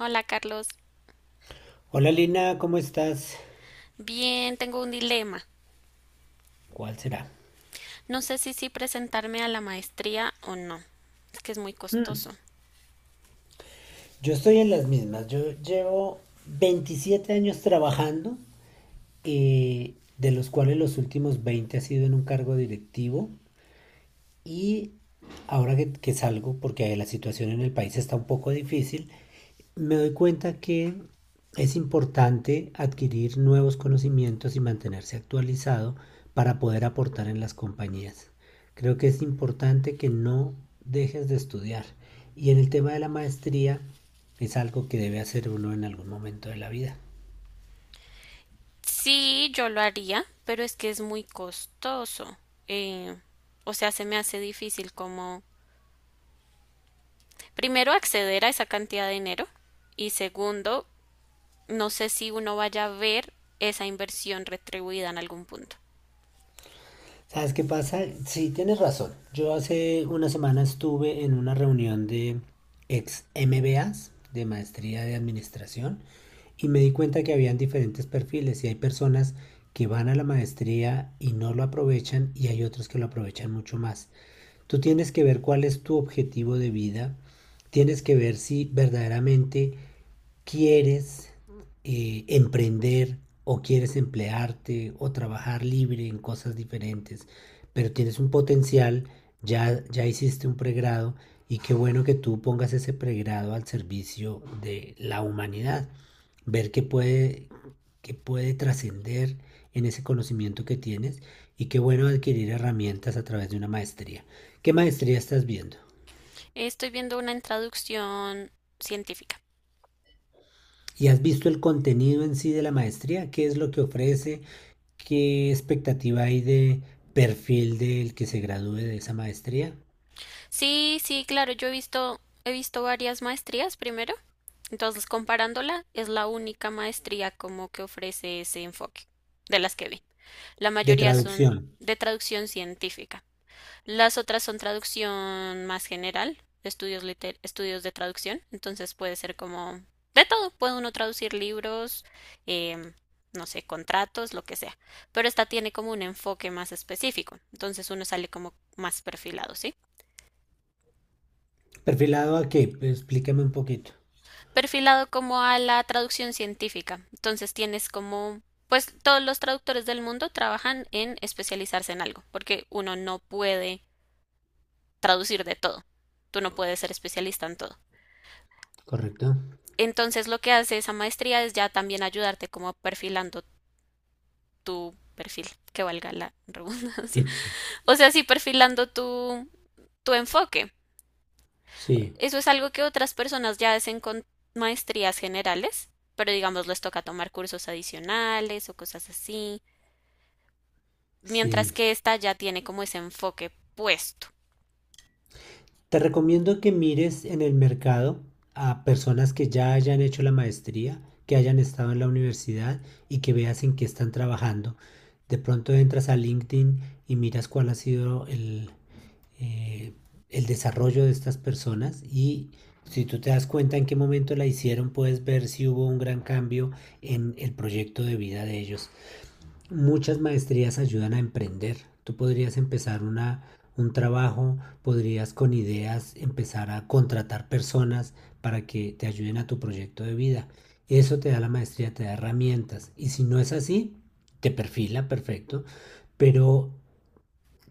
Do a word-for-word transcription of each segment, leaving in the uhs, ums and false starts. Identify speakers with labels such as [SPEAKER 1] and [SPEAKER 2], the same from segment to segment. [SPEAKER 1] Hola Carlos,
[SPEAKER 2] Hola Lina, ¿cómo estás?
[SPEAKER 1] bien, tengo un dilema.
[SPEAKER 2] ¿Cuál será?
[SPEAKER 1] No sé si sí presentarme a la maestría o no. Es que es muy costoso.
[SPEAKER 2] Hmm, Yo estoy en las mismas. Yo llevo veintisiete años trabajando, eh, de los cuales los últimos veinte ha sido en un cargo directivo. Y ahora que, que salgo, porque la situación en el país está un poco difícil, me doy cuenta que es importante adquirir nuevos conocimientos y mantenerse actualizado para poder aportar en las compañías. Creo que es importante que no dejes de estudiar. Y en el tema de la maestría es algo que debe hacer uno en algún momento de la vida.
[SPEAKER 1] Sí, yo lo haría, pero es que es muy costoso. Eh, o sea, se me hace difícil como, primero, acceder a esa cantidad de dinero y segundo, no sé si uno vaya a ver esa inversión retribuida en algún punto.
[SPEAKER 2] ¿Sabes qué pasa? Sí, tienes razón. Yo hace una semana estuve en una reunión de ex M B As de maestría de administración, y me di cuenta que habían diferentes perfiles y hay personas que van a la maestría y no lo aprovechan y hay otros que lo aprovechan mucho más. Tú tienes que ver cuál es tu objetivo de vida, tienes que ver si verdaderamente quieres eh, emprender o quieres emplearte o trabajar libre en cosas diferentes, pero tienes un potencial, ya, ya hiciste un pregrado y qué bueno que tú pongas ese pregrado al servicio de la humanidad, ver qué puede, qué puede trascender en ese conocimiento que tienes y qué bueno adquirir herramientas a través de una maestría. ¿Qué maestría estás viendo?
[SPEAKER 1] Estoy viendo una introducción científica.
[SPEAKER 2] ¿Y has visto el contenido en sí de la maestría? ¿Qué es lo que ofrece? ¿Qué expectativa hay de perfil del que se gradúe de esa maestría?
[SPEAKER 1] Sí, sí, claro, yo he visto, he visto varias maestrías primero. Entonces, comparándola, es la única maestría como que ofrece ese enfoque de las que vi. La
[SPEAKER 2] De
[SPEAKER 1] mayoría son
[SPEAKER 2] traducción.
[SPEAKER 1] de traducción científica. Las otras son traducción más general, estudios, liter estudios de traducción. Entonces puede ser como de todo. Puede uno traducir libros, eh, no sé, contratos, lo que sea. Pero esta tiene como un enfoque más específico. Entonces uno sale como más perfilado, ¿sí?
[SPEAKER 2] ¿Perfilado a qué? Explícame un poquito.
[SPEAKER 1] Perfilado como a la traducción científica. Entonces tienes como, pues todos los traductores del mundo trabajan en especializarse en algo, porque uno no puede traducir de todo. Tú no puedes ser especialista en todo.
[SPEAKER 2] ¿Correcto?
[SPEAKER 1] Entonces lo que hace esa maestría es ya también ayudarte como perfilando tu perfil, que valga la redundancia. O sea, sí, perfilando tu, tu enfoque.
[SPEAKER 2] Sí,
[SPEAKER 1] Eso es algo que otras personas ya hacen con maestrías generales, pero digamos les toca tomar cursos adicionales o cosas así,
[SPEAKER 2] sí.
[SPEAKER 1] mientras que esta ya tiene como ese enfoque puesto.
[SPEAKER 2] Te recomiendo que mires en el mercado a personas que ya hayan hecho la maestría, que hayan estado en la universidad y que veas en qué están trabajando. De pronto entras a LinkedIn y miras cuál ha sido el, eh, el desarrollo de estas personas y si tú te das cuenta en qué momento la hicieron, puedes ver si hubo un gran cambio en el proyecto de vida de ellos. Muchas maestrías ayudan a emprender. Tú podrías empezar una, un trabajo, podrías con ideas empezar a contratar personas para que te ayuden a tu proyecto de vida. Eso te da la maestría, te da herramientas. Y si no es así, te perfila, perfecto. Pero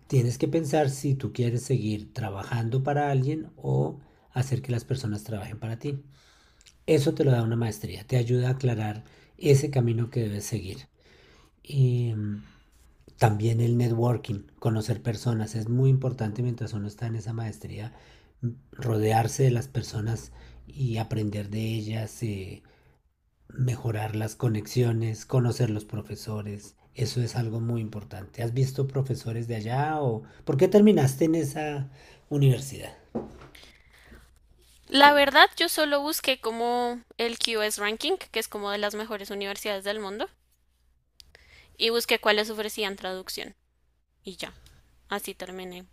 [SPEAKER 2] tienes que pensar si tú quieres seguir trabajando para alguien o hacer que las personas trabajen para ti. Eso te lo da una maestría, te ayuda a aclarar ese camino que debes seguir. Y, mm, también el networking, conocer personas, es muy importante mientras uno está en esa maestría, rodearse de las personas y aprender de ellas, eh, mejorar las conexiones, conocer los profesores. Eso es algo muy importante. ¿Has visto profesores de allá o por qué terminaste en esa universidad?
[SPEAKER 1] La verdad, yo solo busqué como el Q S Ranking, que es como de las mejores universidades del mundo, y busqué cuáles ofrecían traducción, y ya. Así terminé.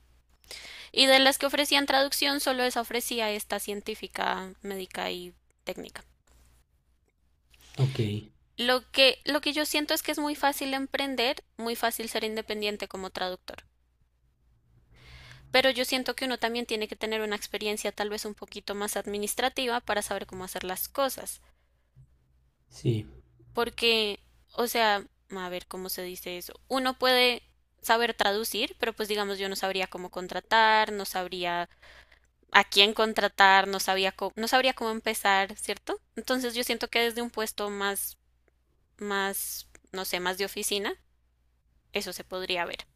[SPEAKER 1] Y de las que ofrecían traducción, solo esa ofrecía esta científica, médica y técnica.
[SPEAKER 2] Ok,
[SPEAKER 1] Lo que, lo que yo siento es que es muy fácil emprender, muy fácil ser independiente como traductor. Pero yo siento que uno también tiene que tener una experiencia tal vez un poquito más administrativa para saber cómo hacer las cosas.
[SPEAKER 2] sí.
[SPEAKER 1] Porque, o sea, a ver cómo se dice eso. Uno puede saber traducir, pero pues digamos yo no sabría cómo contratar, no sabría a quién contratar, no sabía co- no sabría cómo empezar, ¿cierto? Entonces yo siento que desde un puesto más, más, no sé, más de oficina, eso se podría ver.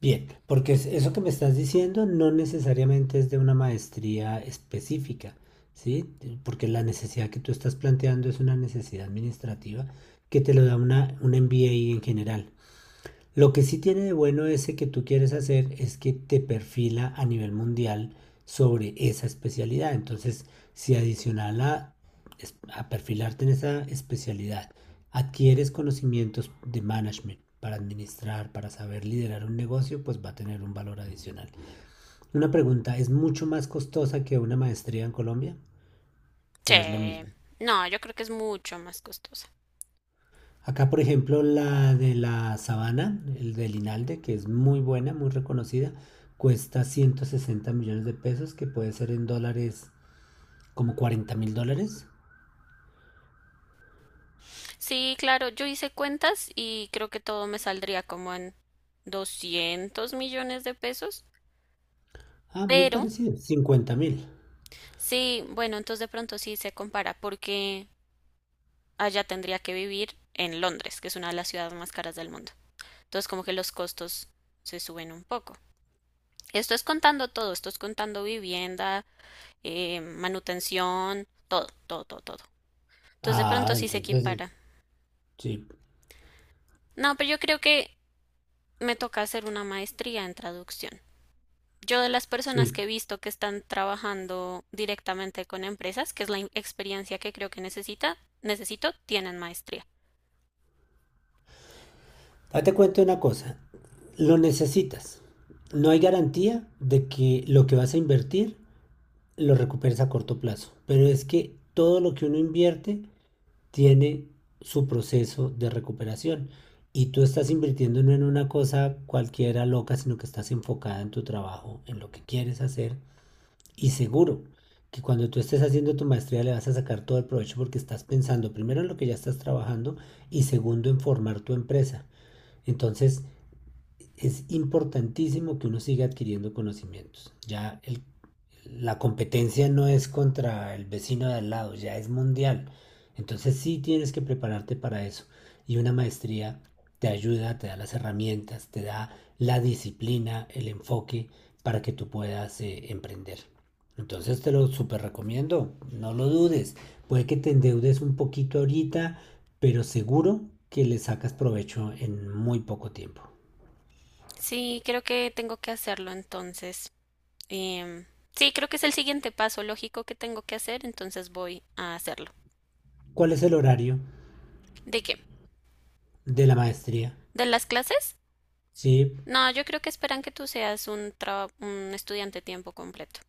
[SPEAKER 2] Bien, porque es- eso que me estás diciendo no necesariamente es de una maestría específica, ¿sí? Eh, Porque la necesidad que tú estás planteando es una necesidad administrativa que te lo da una, un M B A en general. Lo que sí tiene de bueno ese que tú quieres hacer es que te perfila a nivel mundial sobre esa especialidad. Entonces, si adicional a, a perfilarte en esa especialidad, adquieres conocimientos de management para administrar, para saber liderar un negocio, pues va a tener un valor adicional. Una pregunta, ¿es mucho más costosa que una maestría en Colombia
[SPEAKER 1] Sí.
[SPEAKER 2] o es lo mismo?
[SPEAKER 1] No, yo creo que es mucho más costosa.
[SPEAKER 2] Acá, por ejemplo, la de la Sabana, el de Linalde, que es muy buena, muy reconocida, cuesta ciento sesenta millones de pesos, que puede ser en dólares como cuarenta mil dólares.
[SPEAKER 1] Sí, claro, yo hice cuentas y creo que todo me saldría como en doscientos millones de pesos,
[SPEAKER 2] Ah, muy
[SPEAKER 1] pero
[SPEAKER 2] parecido, cincuenta mil.
[SPEAKER 1] sí, bueno, entonces de pronto sí se compara porque allá tendría que vivir en Londres, que es una de las ciudades más caras del mundo. Entonces como que los costos se suben un poco. Esto es contando todo, esto es contando vivienda, eh, manutención, todo, todo, todo, todo. Entonces de
[SPEAKER 2] Ah,
[SPEAKER 1] pronto sí se
[SPEAKER 2] entonces,
[SPEAKER 1] equipara.
[SPEAKER 2] sí,
[SPEAKER 1] No, pero yo creo que me toca hacer una maestría en traducción. Yo de las personas
[SPEAKER 2] sí.
[SPEAKER 1] que he visto que están trabajando directamente con empresas, que es la in- experiencia que creo que necesita, necesito, tienen maestría.
[SPEAKER 2] Ah, te cuento una cosa, lo necesitas. No hay garantía de que lo que vas a invertir lo recuperes a corto plazo, pero es que todo lo que uno invierte tiene su proceso de recuperación y tú estás invirtiendo no en una cosa cualquiera loca, sino que estás enfocada en tu trabajo, en lo que quieres hacer y seguro que cuando tú estés haciendo tu maestría le vas a sacar todo el provecho porque estás pensando primero en lo que ya estás trabajando y segundo en formar tu empresa. Entonces es importantísimo que uno siga adquiriendo conocimientos. Ya el- la competencia no es contra el vecino de al lado, ya es mundial. Entonces sí tienes que prepararte para eso. Y una maestría te ayuda, te da las herramientas, te da la disciplina, el enfoque para que tú puedas eh, emprender. Entonces te lo súper recomiendo, no lo dudes. Puede que te endeudes un poquito ahorita, pero seguro que le sacas provecho en muy poco tiempo.
[SPEAKER 1] Sí, creo que tengo que hacerlo entonces. Em, sí, creo que es el siguiente paso lógico que tengo que hacer, entonces voy a hacerlo.
[SPEAKER 2] ¿Cuál es el horario
[SPEAKER 1] ¿De qué?
[SPEAKER 2] de la maestría?
[SPEAKER 1] ¿De las clases?
[SPEAKER 2] Sí,
[SPEAKER 1] No, yo creo que esperan que tú seas un, traba- un estudiante tiempo completo.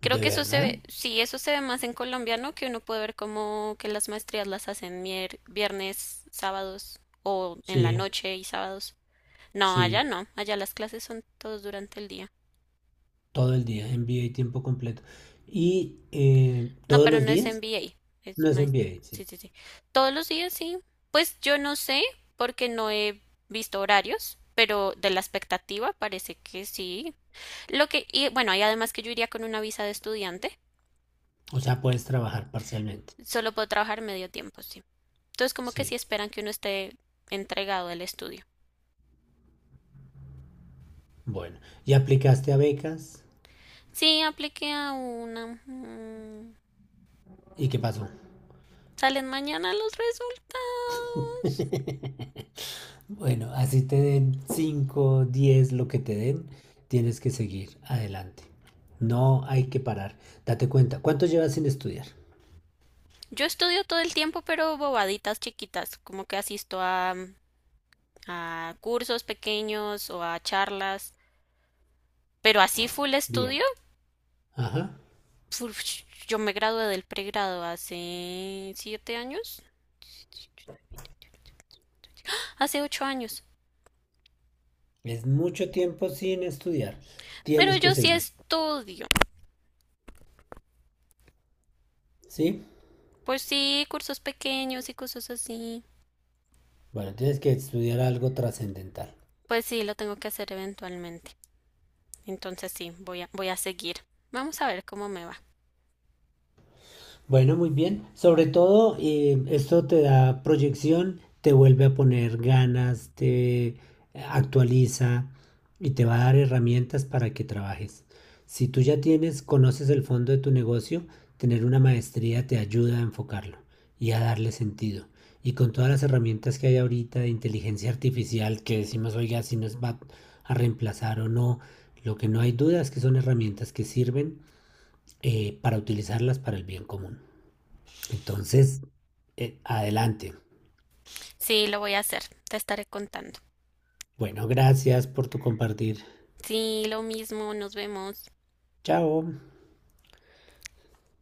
[SPEAKER 1] Creo
[SPEAKER 2] ¿de
[SPEAKER 1] que eso se
[SPEAKER 2] verdad?
[SPEAKER 1] ve, sí, eso se ve más en Colombia, ¿no? Que uno puede ver como que las maestrías las hacen mier- viernes, sábados o en la
[SPEAKER 2] Sí,
[SPEAKER 1] noche y sábados. No, allá
[SPEAKER 2] sí,
[SPEAKER 1] no, allá las clases son todos durante el día.
[SPEAKER 2] todo el día, M B A tiempo completo. ¿Y eh,
[SPEAKER 1] No,
[SPEAKER 2] todos
[SPEAKER 1] pero
[SPEAKER 2] los
[SPEAKER 1] no es
[SPEAKER 2] días?
[SPEAKER 1] M B A,
[SPEAKER 2] No
[SPEAKER 1] es
[SPEAKER 2] es
[SPEAKER 1] maestra.
[SPEAKER 2] M B A,
[SPEAKER 1] Sí,
[SPEAKER 2] sí.
[SPEAKER 1] sí, sí. Todos los días, sí. Pues yo no sé, porque no he visto horarios, pero de la expectativa parece que sí. Lo que, y bueno, y además que yo iría con una visa de estudiante,
[SPEAKER 2] O sea, puedes trabajar parcialmente.
[SPEAKER 1] solo puedo trabajar medio tiempo, sí. Entonces, como que sí
[SPEAKER 2] Sí,
[SPEAKER 1] esperan que uno esté entregado al estudio.
[SPEAKER 2] bueno. ¿Y aplicaste a becas?
[SPEAKER 1] Sí, apliqué a una. mm,
[SPEAKER 2] ¿Y qué pasó?
[SPEAKER 1] Salen mañana los resultados.
[SPEAKER 2] Bueno, así te den cinco, diez, lo que te den, tienes que seguir adelante. No hay que parar. Date cuenta. ¿Cuánto llevas sin estudiar?
[SPEAKER 1] Yo estudio todo el tiempo, pero bobaditas chiquitas, como que asisto a mm, a cursos pequeños o a charlas, pero así full
[SPEAKER 2] Bien.
[SPEAKER 1] estudio,
[SPEAKER 2] Ajá.
[SPEAKER 1] uf, yo me gradué del pregrado hace siete años, hace ocho años,
[SPEAKER 2] Es mucho tiempo sin estudiar.
[SPEAKER 1] pero
[SPEAKER 2] Tienes que
[SPEAKER 1] yo sí
[SPEAKER 2] seguir,
[SPEAKER 1] estudio,
[SPEAKER 2] ¿sí?
[SPEAKER 1] pues sí, cursos pequeños y cosas así,
[SPEAKER 2] Bueno, tienes que estudiar algo trascendental.
[SPEAKER 1] pues sí, lo tengo que hacer eventualmente, entonces sí, voy a, voy a seguir, vamos a ver cómo me va,
[SPEAKER 2] Bueno, muy bien. Sobre todo, eh, esto te da proyección, te vuelve a poner ganas, te actualiza y te va a dar herramientas para que trabajes. Si tú ya tienes, conoces el fondo de tu negocio, tener una maestría te ayuda a enfocarlo y a darle sentido. Y con todas las herramientas que hay ahorita de inteligencia artificial, que decimos, oiga, si nos va a reemplazar o no, lo que no hay duda es que son herramientas que sirven eh, para utilizarlas para el bien común. Entonces, eh, adelante.
[SPEAKER 1] sí, lo voy a hacer, te estaré contando,
[SPEAKER 2] Bueno, gracias por tu compartir.
[SPEAKER 1] sí, lo mismo, nos vemos.
[SPEAKER 2] Chao.